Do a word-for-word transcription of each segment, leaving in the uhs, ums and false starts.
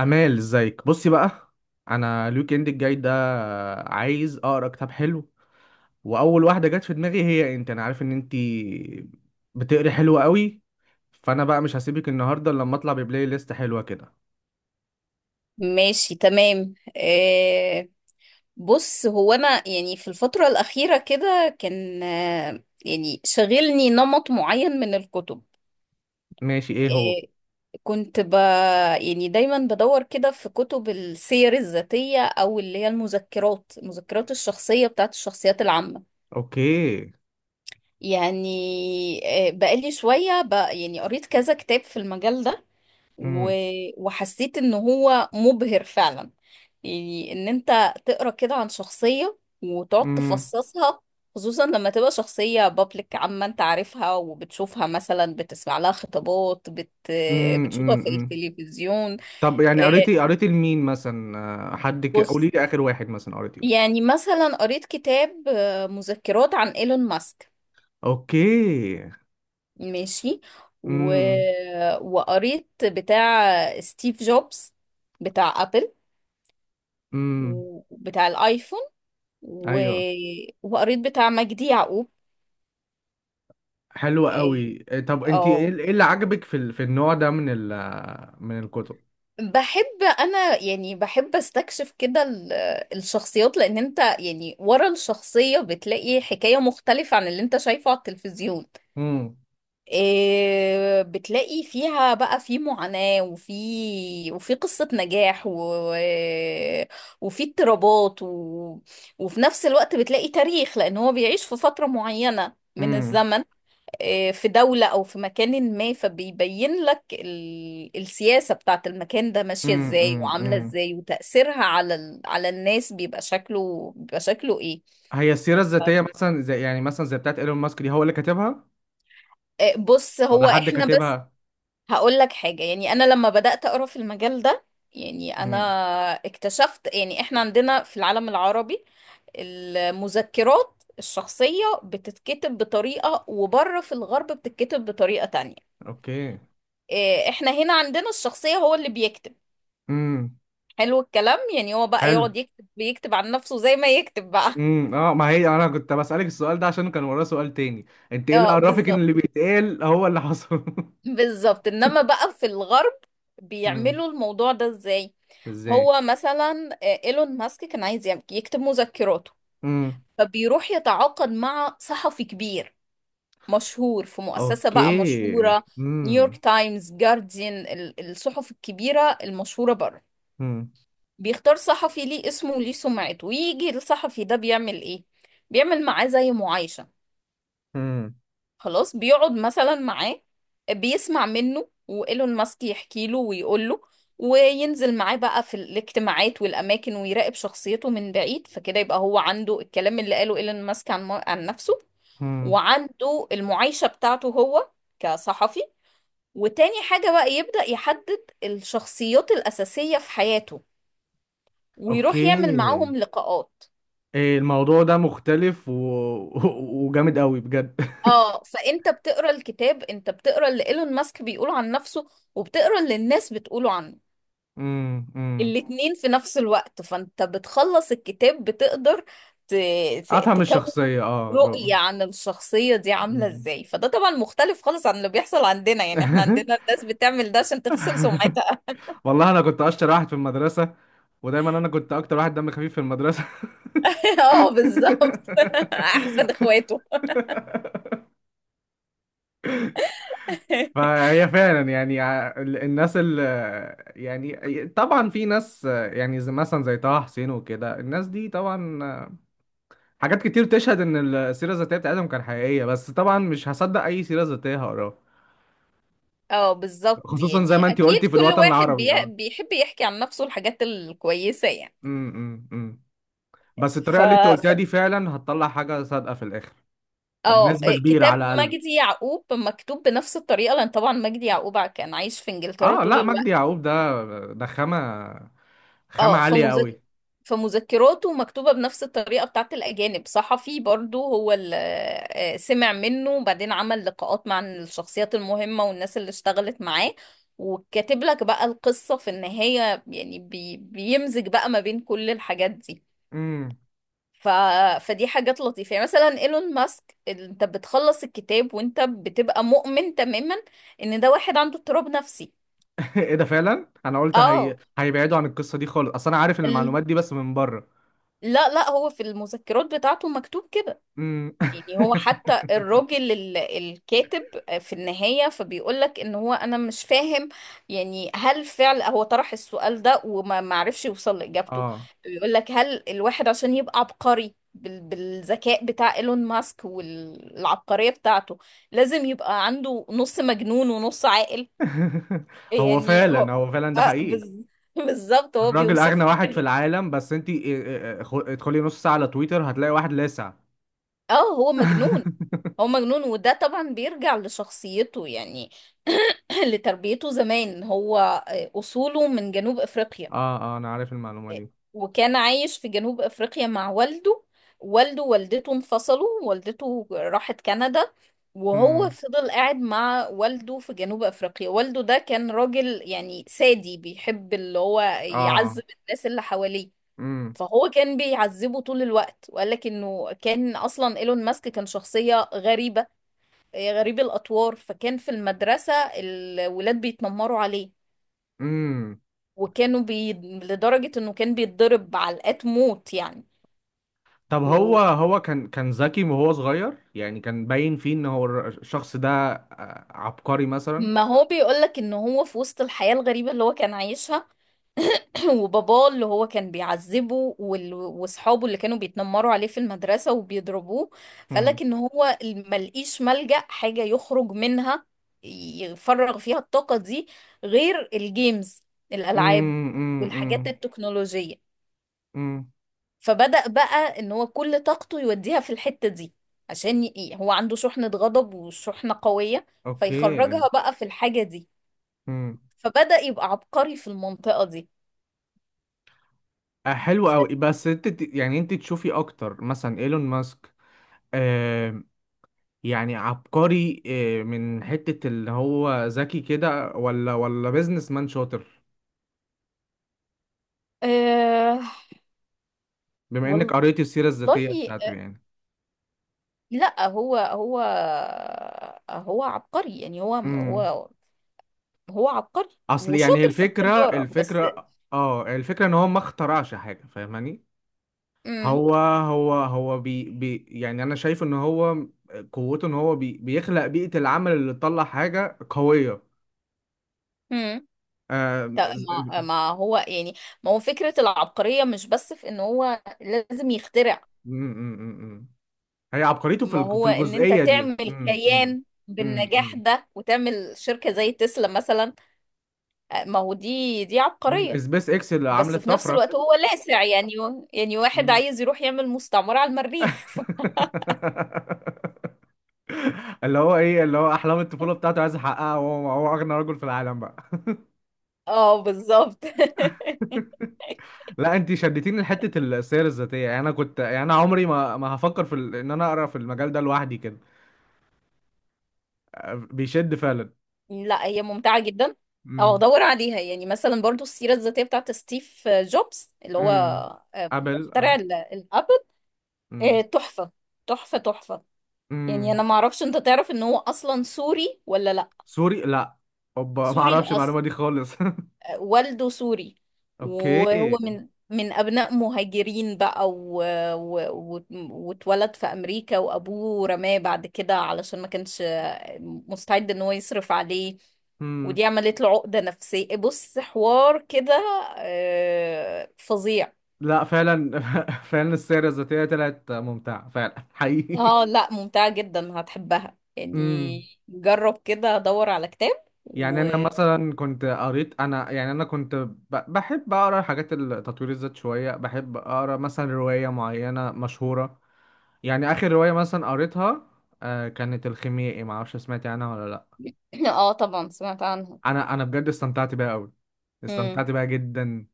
امال، ازيك؟ بصي بقى، انا الويك اند الجاي ده عايز اقرا كتاب حلو، واول واحده جت في دماغي هي انت. انا عارف ان انت بتقري حلو قوي، فانا بقى مش هسيبك النهارده الا لما اطلع ببلاي ليست حلوه كده. ماشي، تمام، آه. بص، هو انا يعني في الفترة الأخيرة كده كان آه يعني شغلني نمط معين من الكتب. ماشي، ايه هو؟ آه كنت ب يعني دايما بدور كده في كتب السير الذاتية، او اللي هي المذكرات المذكرات الشخصية بتاعت الشخصيات العامة. اوكي. يعني آه بقالي شوية ب... يعني قريت كذا كتاب في المجال ده، و... امم. وحسيت ان هو مبهر فعلا. يعني ان انت تقرا كده عن شخصية وتقعد امم. تفصصها، خصوصا لما تبقى شخصية بابليك عامة انت عارفها وبتشوفها مثلا، بتسمع لها خطابات، بت... امم. بتشوفها في امم. التلفزيون. طب يعني قريتي إيه، قريتي لمين مثلا؟ آه، حد كده قولي بص، لي اخر واحد مثلا قريتي له. يعني مثلا قريت كتاب، آه، مذكرات عن ايلون ماسك. اوكي. ماشي. و... امم. وقريت بتاع ستيف جوبز، بتاع ابل، امم. وبتاع الايفون، و... ايوه. وقريت بتاع مجدي يعقوب. حلوة إيه، قوي. إيه، طب انت ايه اه، إيه اللي عجبك في ال- في النوع ده من ال من الكتب؟ بحب انا، يعني بحب استكشف كده ال- الشخصيات، لان انت يعني ورا الشخصية بتلاقي حكاية مختلفة عن اللي انت شايفه على التلفزيون. امم. إيه، بتلاقي فيها بقى في معاناة، وفي وفي قصة نجاح، و... وفي اضطرابات، و... وفي نفس الوقت بتلاقي تاريخ، لان هو بيعيش في فترة معينة من امم. الزمن، آه، في دولة أو في مكان ما. فبيبين لك ال- السياسة بتاعت المكان ده ماشية امم. ازاي امم. وعاملة أمم. ازاي، وتأثيرها على ال... على الناس بيبقى شكله بيبقى شكله ايه. هي السيرة الذاتية مثلا زي يعني مثلا زي بتاعت ايلون ماسك دي، هو اللي كاتبها آه، بص، ولا هو حد احنا بس كاتبها؟ هقول لك حاجة. يعني انا لما بدأت اقرا في المجال ده، يعني انا امم. اكتشفت يعني احنا عندنا في العالم العربي المذكرات الشخصية بتتكتب بطريقة، وبره في الغرب بتتكتب بطريقة تانية. اوكي. آه، احنا هنا عندنا الشخصية هو اللي بيكتب. امم. حلو الكلام. يعني هو بقى حلو. يقعد يكتب بيكتب عن نفسه زي ما يكتب بقى. امم. اه، ما هي انا كنت بسألك السؤال ده عشان كان وراه سؤال تاني. انت ايه اللي اه، عرفك ان بالظبط، اللي بيتقال هو اللي حصل؟ بالظبط. انما بقى في الغرب امم. بيعملوا الموضوع ده ازاي؟ ازاي؟ هو مثلا، آه، ايلون ماسك كان عايز يعمل- يكتب مذكراته. امم. فبيروح يتعاقد مع صحفي كبير مشهور في مؤسسة بقى اوكي. مشهورة، نيويورك امم. تايمز، جارديان، ال- الصحف الكبيرة المشهورة بره. امم. بيختار صحفي ليه اسمه وليه سمعته، ويجي الصحفي ده بيعمل ايه؟ بيعمل معاه زي معايشة. امم. خلاص، بيقعد مثلا معاه، بيسمع منه، وإيلون ماسك يحكي له ويقول له، وينزل معاه بقى في الاجتماعات والأماكن، ويراقب شخصيته من بعيد. فكده يبقى هو عنده الكلام اللي قاله إيلون ماسك عن, عن نفسه. امم. وعنده المعايشة بتاعته هو كصحفي. وتاني حاجة بقى، يبدأ يحدد الشخصيات الأساسية في حياته ويروح يعمل اوكي. معاهم لقاءات. إيه، الموضوع ده مختلف و... وجامد قوي بجد. اه. فانت بتقرا الكتاب، انت بتقرا اللي ايلون ماسك بيقوله عن نفسه، وبتقرا اللي الناس بتقوله عنه، امم. امم. الاتنين في نفس الوقت. فانت بتخلص الكتاب بتقدر ت- ت- افهم تكون الشخصيه، اه ب- رؤية عن الشخصية دي عاملة مم. ازاي. فده طبعا مختلف خالص عن اللي بيحصل عندنا. يعني احنا عندنا الناس بتعمل ده عشان تغسل سمعتها. والله انا كنت اشطر واحد في المدرسه، ودايما انا كنت اكتر واحد دم خفيف في المدرسه. اه، بالظبط. احسن اخواته. فهي فعلا، يعني، ع- ال- الناس اللي يعني طبعا في ناس، يعني، زي مثلا زي طه حسين وكده، الناس دي طبعا حاجات كتير تشهد ان السيره الذاتيه بتاعتهم كان حقيقيه، بس طبعا مش هصدق اي سيره ذاتيه هقراها. اه، بالظبط. خصوصا زي يعني ما انت اكيد قلتي في كل الوطن واحد بي... العربي، اه. بيحب يحكي عن نفسه الحاجات الكويسة يعني. امم. امم. إمم. بس ف الطريقه اللي انت قلتها دي ف- فعلا هتطلع حاجه صادقه في الاخر، أو اه، بنسبه كبيره على كتاب الاقل. مجدي يعقوب مكتوب بنفس الطريقة، لأن طبعا مجدي يعقوب كان عايش في إنجلترا اه، طول لا، مجدي الوقت. يعقوب ده ده خامه. خامه اه، عاليه قوي. فمذك... فمذكراته مكتوبة بنفس الطريقة بتاعت الأجانب. صحفي برضو هو اللي سمع منه، وبعدين عمل لقاءات مع الشخصيات المهمة والناس اللي اشتغلت معاه، وكاتب لك بقى القصة في النهاية. يعني بي... بيمزج بقى ما بين كل الحاجات دي. امم. ف... فدي حاجات لطيفة. يعني مثلا ايلون ماسك، ال- انت بتخلص الكتاب وانت بتبقى مؤمن تماما ان ده واحد عنده اضطراب نفسي. ايه ده! فعلا انا قلت هي... اه، هيبعدوا عن القصه دي خالص، اصل انا عارف ال... المعلومات دي بس من بره. لا، لا، هو في المذكرات بتاعته مكتوب كده. امم. يعني هو حتى الراجل ال- الكاتب في النهاية، فبيقول لك ان هو انا مش فاهم. يعني هل فعل هو طرح السؤال ده وما معرفش يوصل لإجابته. اه. بيقول لك هل الواحد عشان يبقى عبقري بال- بالذكاء بتاع ايلون ماسك والعبقرية بتاعته، لازم يبقى عنده نص مجنون ونص عاقل. هو يعني فعلا هو هو فعلا ده آه حقيقي. بز- بالظبط، هو الراجل بيوصف. اغنى واحد في العالم، بس انت ادخلي نص ساعة على تويتر هتلاقي واحد لاسع. اه، هو مجنون. اه، هو مجنون، وده طبعا بيرجع لشخصيته يعني، لتربيته زمان. هو آه، أصوله من جنوب أفريقيا. اه، انا عارف المعلومة دي. وكان عايش في جنوب أفريقيا مع والده. والده ووالدته انفصلوا، والدته راحت كندا، وهو امم. فضل قاعد مع والده في جنوب أفريقيا. والده ده كان راجل يعني سادي، بيحب اللي هو اه. يعذب الناس اللي حواليه. امم. فهو كان بيعذبه طول الوقت. وقال لك انه كان اصلا ايلون ماسك كان شخصية غريبة، آه، غريب الاطوار. فكان في المدرسة الولاد بيتنمروا عليه، امم. وكانوا بي... لدرجة انه كان بيتضرب علقات موت يعني. طب، هو و- هو كان كان ذكي وهو صغير؟ يعني كان باين فيه ان هو الر- الشخص ده آه، عبقري مثلا؟ ما هو بيقول لك ان هو في وسط الحياة الغريبة اللي هو كان عايشها، وباباه اللي هو كان بيعذبه، وال- واصحابه اللي كانوا بيتنمروا عليه في المدرسة وبيضربوه، امم. فقالك ان هو ملقيش ملجأ حاجة يخرج منها، يفرغ فيها الطاقة دي، غير الجيمز، الألعاب، امم. والحاجات امم. التكنولوجية. امم. فبدأ بقى ان هو كل طاقته يوديها في الحتة دي، عشان ي- هو عنده شحنة غضب وشحنة قوية، اوكي. فيخرجها بقى في الحاجة دي، امم. فبدأ يبقى عبقري في المنطقة دي. آه، حلو ف... قوي. بس انت ت- يعني انت تشوفي اكتر مثلا ايلون ماسك يعني عبقري آه، من حتة اللي هو ذكي كده، ولا ولا بيزنس مان شاطر؟ أه... بما انك والله، قريت السيرة والله، الذاتية بتاعته آه، يعني. لا، هو، هو هو عبقري. يعني هو، امم. هو هو عبقري اصل يعني هي وشاطر في الفكرة التجارة بس. الفكرة اه الفكرة ان هو ما اخترعش حاجة، فاهماني؟ امم هو هو هو بي بي يعني انا شايف ان هو قوته ان هو بي بيخلق بيئة العمل اللي تطلع حاجة قوية. امم آه ز- ما ما هو يعني، ما هو فكرة العبقرية مش بس في ان هو لازم يخترع. أمم، أمم. أمم. هي عبقريته في ما الج- في هو ان انت الجزئية دي. تعمل امم. امم. كيان أمم. بالنجاح أمم. ده، وتعمل شركة زي تسلا مثلا، آه، ما هو دي دي مم، عبقرية. سبيس اكس اللي بس عملت في نفس طفرة. الوقت هو لاسع يعني يعني واحد مم. عايز يروح يعمل مستعمرة على المريخ. اللي هو ايه اللي هو احلام الطفولة بتاعته عايز يحققها، وهو هو اغنى رجل في العالم بقى. اه، بالظبط. لا، انت شدتيني لحته السير الذاتيه، يعني انا كنت يعني انا عمري ما ما هفكر في ال... ان انا اقرا في المجال ده لوحدي كده. آه، بيشد فعلا. لا، هي ممتعة جدا. اه، امم. دور عليها. يعني مثلا برضو السيرة الذاتية بتاعت ستيف، آه، جوبز، اللي هو امم. آه، ابل، اه. مخترع ال- الابل. آه، امم. تحفة، تحفة، تحفة. يعني انا امم. ما اعرفش، انت تعرف ان هو اصلا سوري ولا لا؟ سوري؟ لا. اوبا، ما سوري اعرفش الاصل. المعلومه دي خالص. والده سوري. اوكي. وهو من من أبناء مهاجرين بقى، و... و... و... واتولد في أمريكا. وأبوه رماه بعد كده علشان ما كانش مستعد إن هو يصرف عليه. ودي عملت له عقدة نفسية. بص حوار كده، آه، فظيع. لا فعلا. فعلا السيرة الذاتية طلعت ممتعة فعلا حقيقي. اه، لا، ممتعة جدا هتحبها يعني. امم. جرب كده دور على كتاب يعني و انا مثلا كنت قريت، انا يعني انا كنت ب- بحب اقرا حاجات تطوير الذات شوية، بحب اقرا مثلا رواية معينة مشهورة. يعني اخر رواية مثلا قريتها آه، كانت الخيميائي. ما اعرفش سمعت عنها ولا لا. اه، طبعا سمعت عنها. انا انا بجد استمتعت بيها قوي. امم. استمتعت بيها جدا.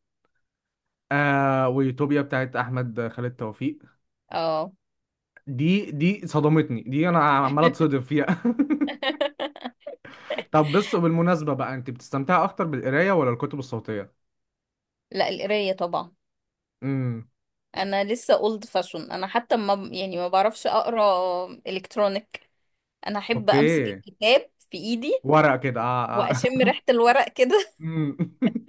آه ويوتوبيا بتاعت احمد خالد توفيق. اه. دي دي صدمتني، دي انا عمال اتصدم فيها. طب بس وبالمناسبة بقى، انت بتستمتعي اكتر بالقراية ولا الكتب الصوتية؟ لا، القراية طبعا. امم. انا لسه اولد فاشون. انا حتى ما يعني ما بعرفش اقرا الكترونيك. انا احب امسك اوكي. الكتاب في ايدي، ورق كده، اه. اه. واشم ريحة الورق كده. امم.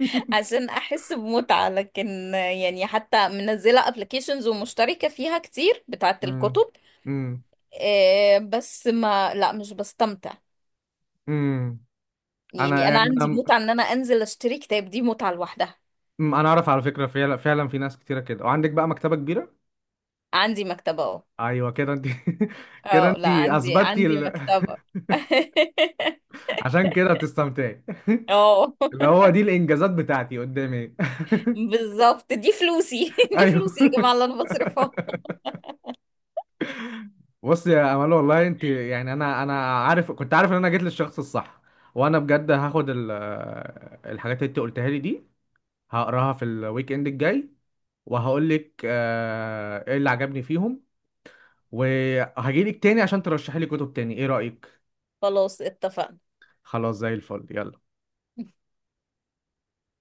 عشان احس بمتعة، لكن يعني حتى منزلة ابلكيشنز ومشتركة فيها كتير بتاعة امم. الكتب، امم. آه، بس ما لا، مش بستمتع. أمم. انا يعني انا يعني عندي انا. متعة ان انا انزل اشتري كتاب، دي متعة لوحدها. أمم، انا اعرف على فكرة، فعلا فعلا في ناس كتيرة كده، وعندك بقى مكتبة كبيرة. عندي مكتبة اهو. ايوه، كده انت. كده اه، انت لا، عندي اثبتي عندي ال... مكتبة. عشان كده بتستمتعي. اه، اللي هو دي الانجازات بتاعتي قدامي. بالظبط، دي فلوسي. دي ايوه. فلوسي يا جماعة اللي انا بصرفها. بص يا امال، والله انت يعني انا انا عارف كنت عارف ان انا جيت للشخص الصح، وانا بجد هاخد ال- الحاجات اللي انت قلتها لي دي، هقراها في الويك اند الجاي، وهقول لك آه، ايه اللي عجبني فيهم، وهجيلك تاني عشان ترشحي لي كتب تاني. ايه رأيك؟ خلاص، اتفقنا. خلاص، زي الفل، يلا.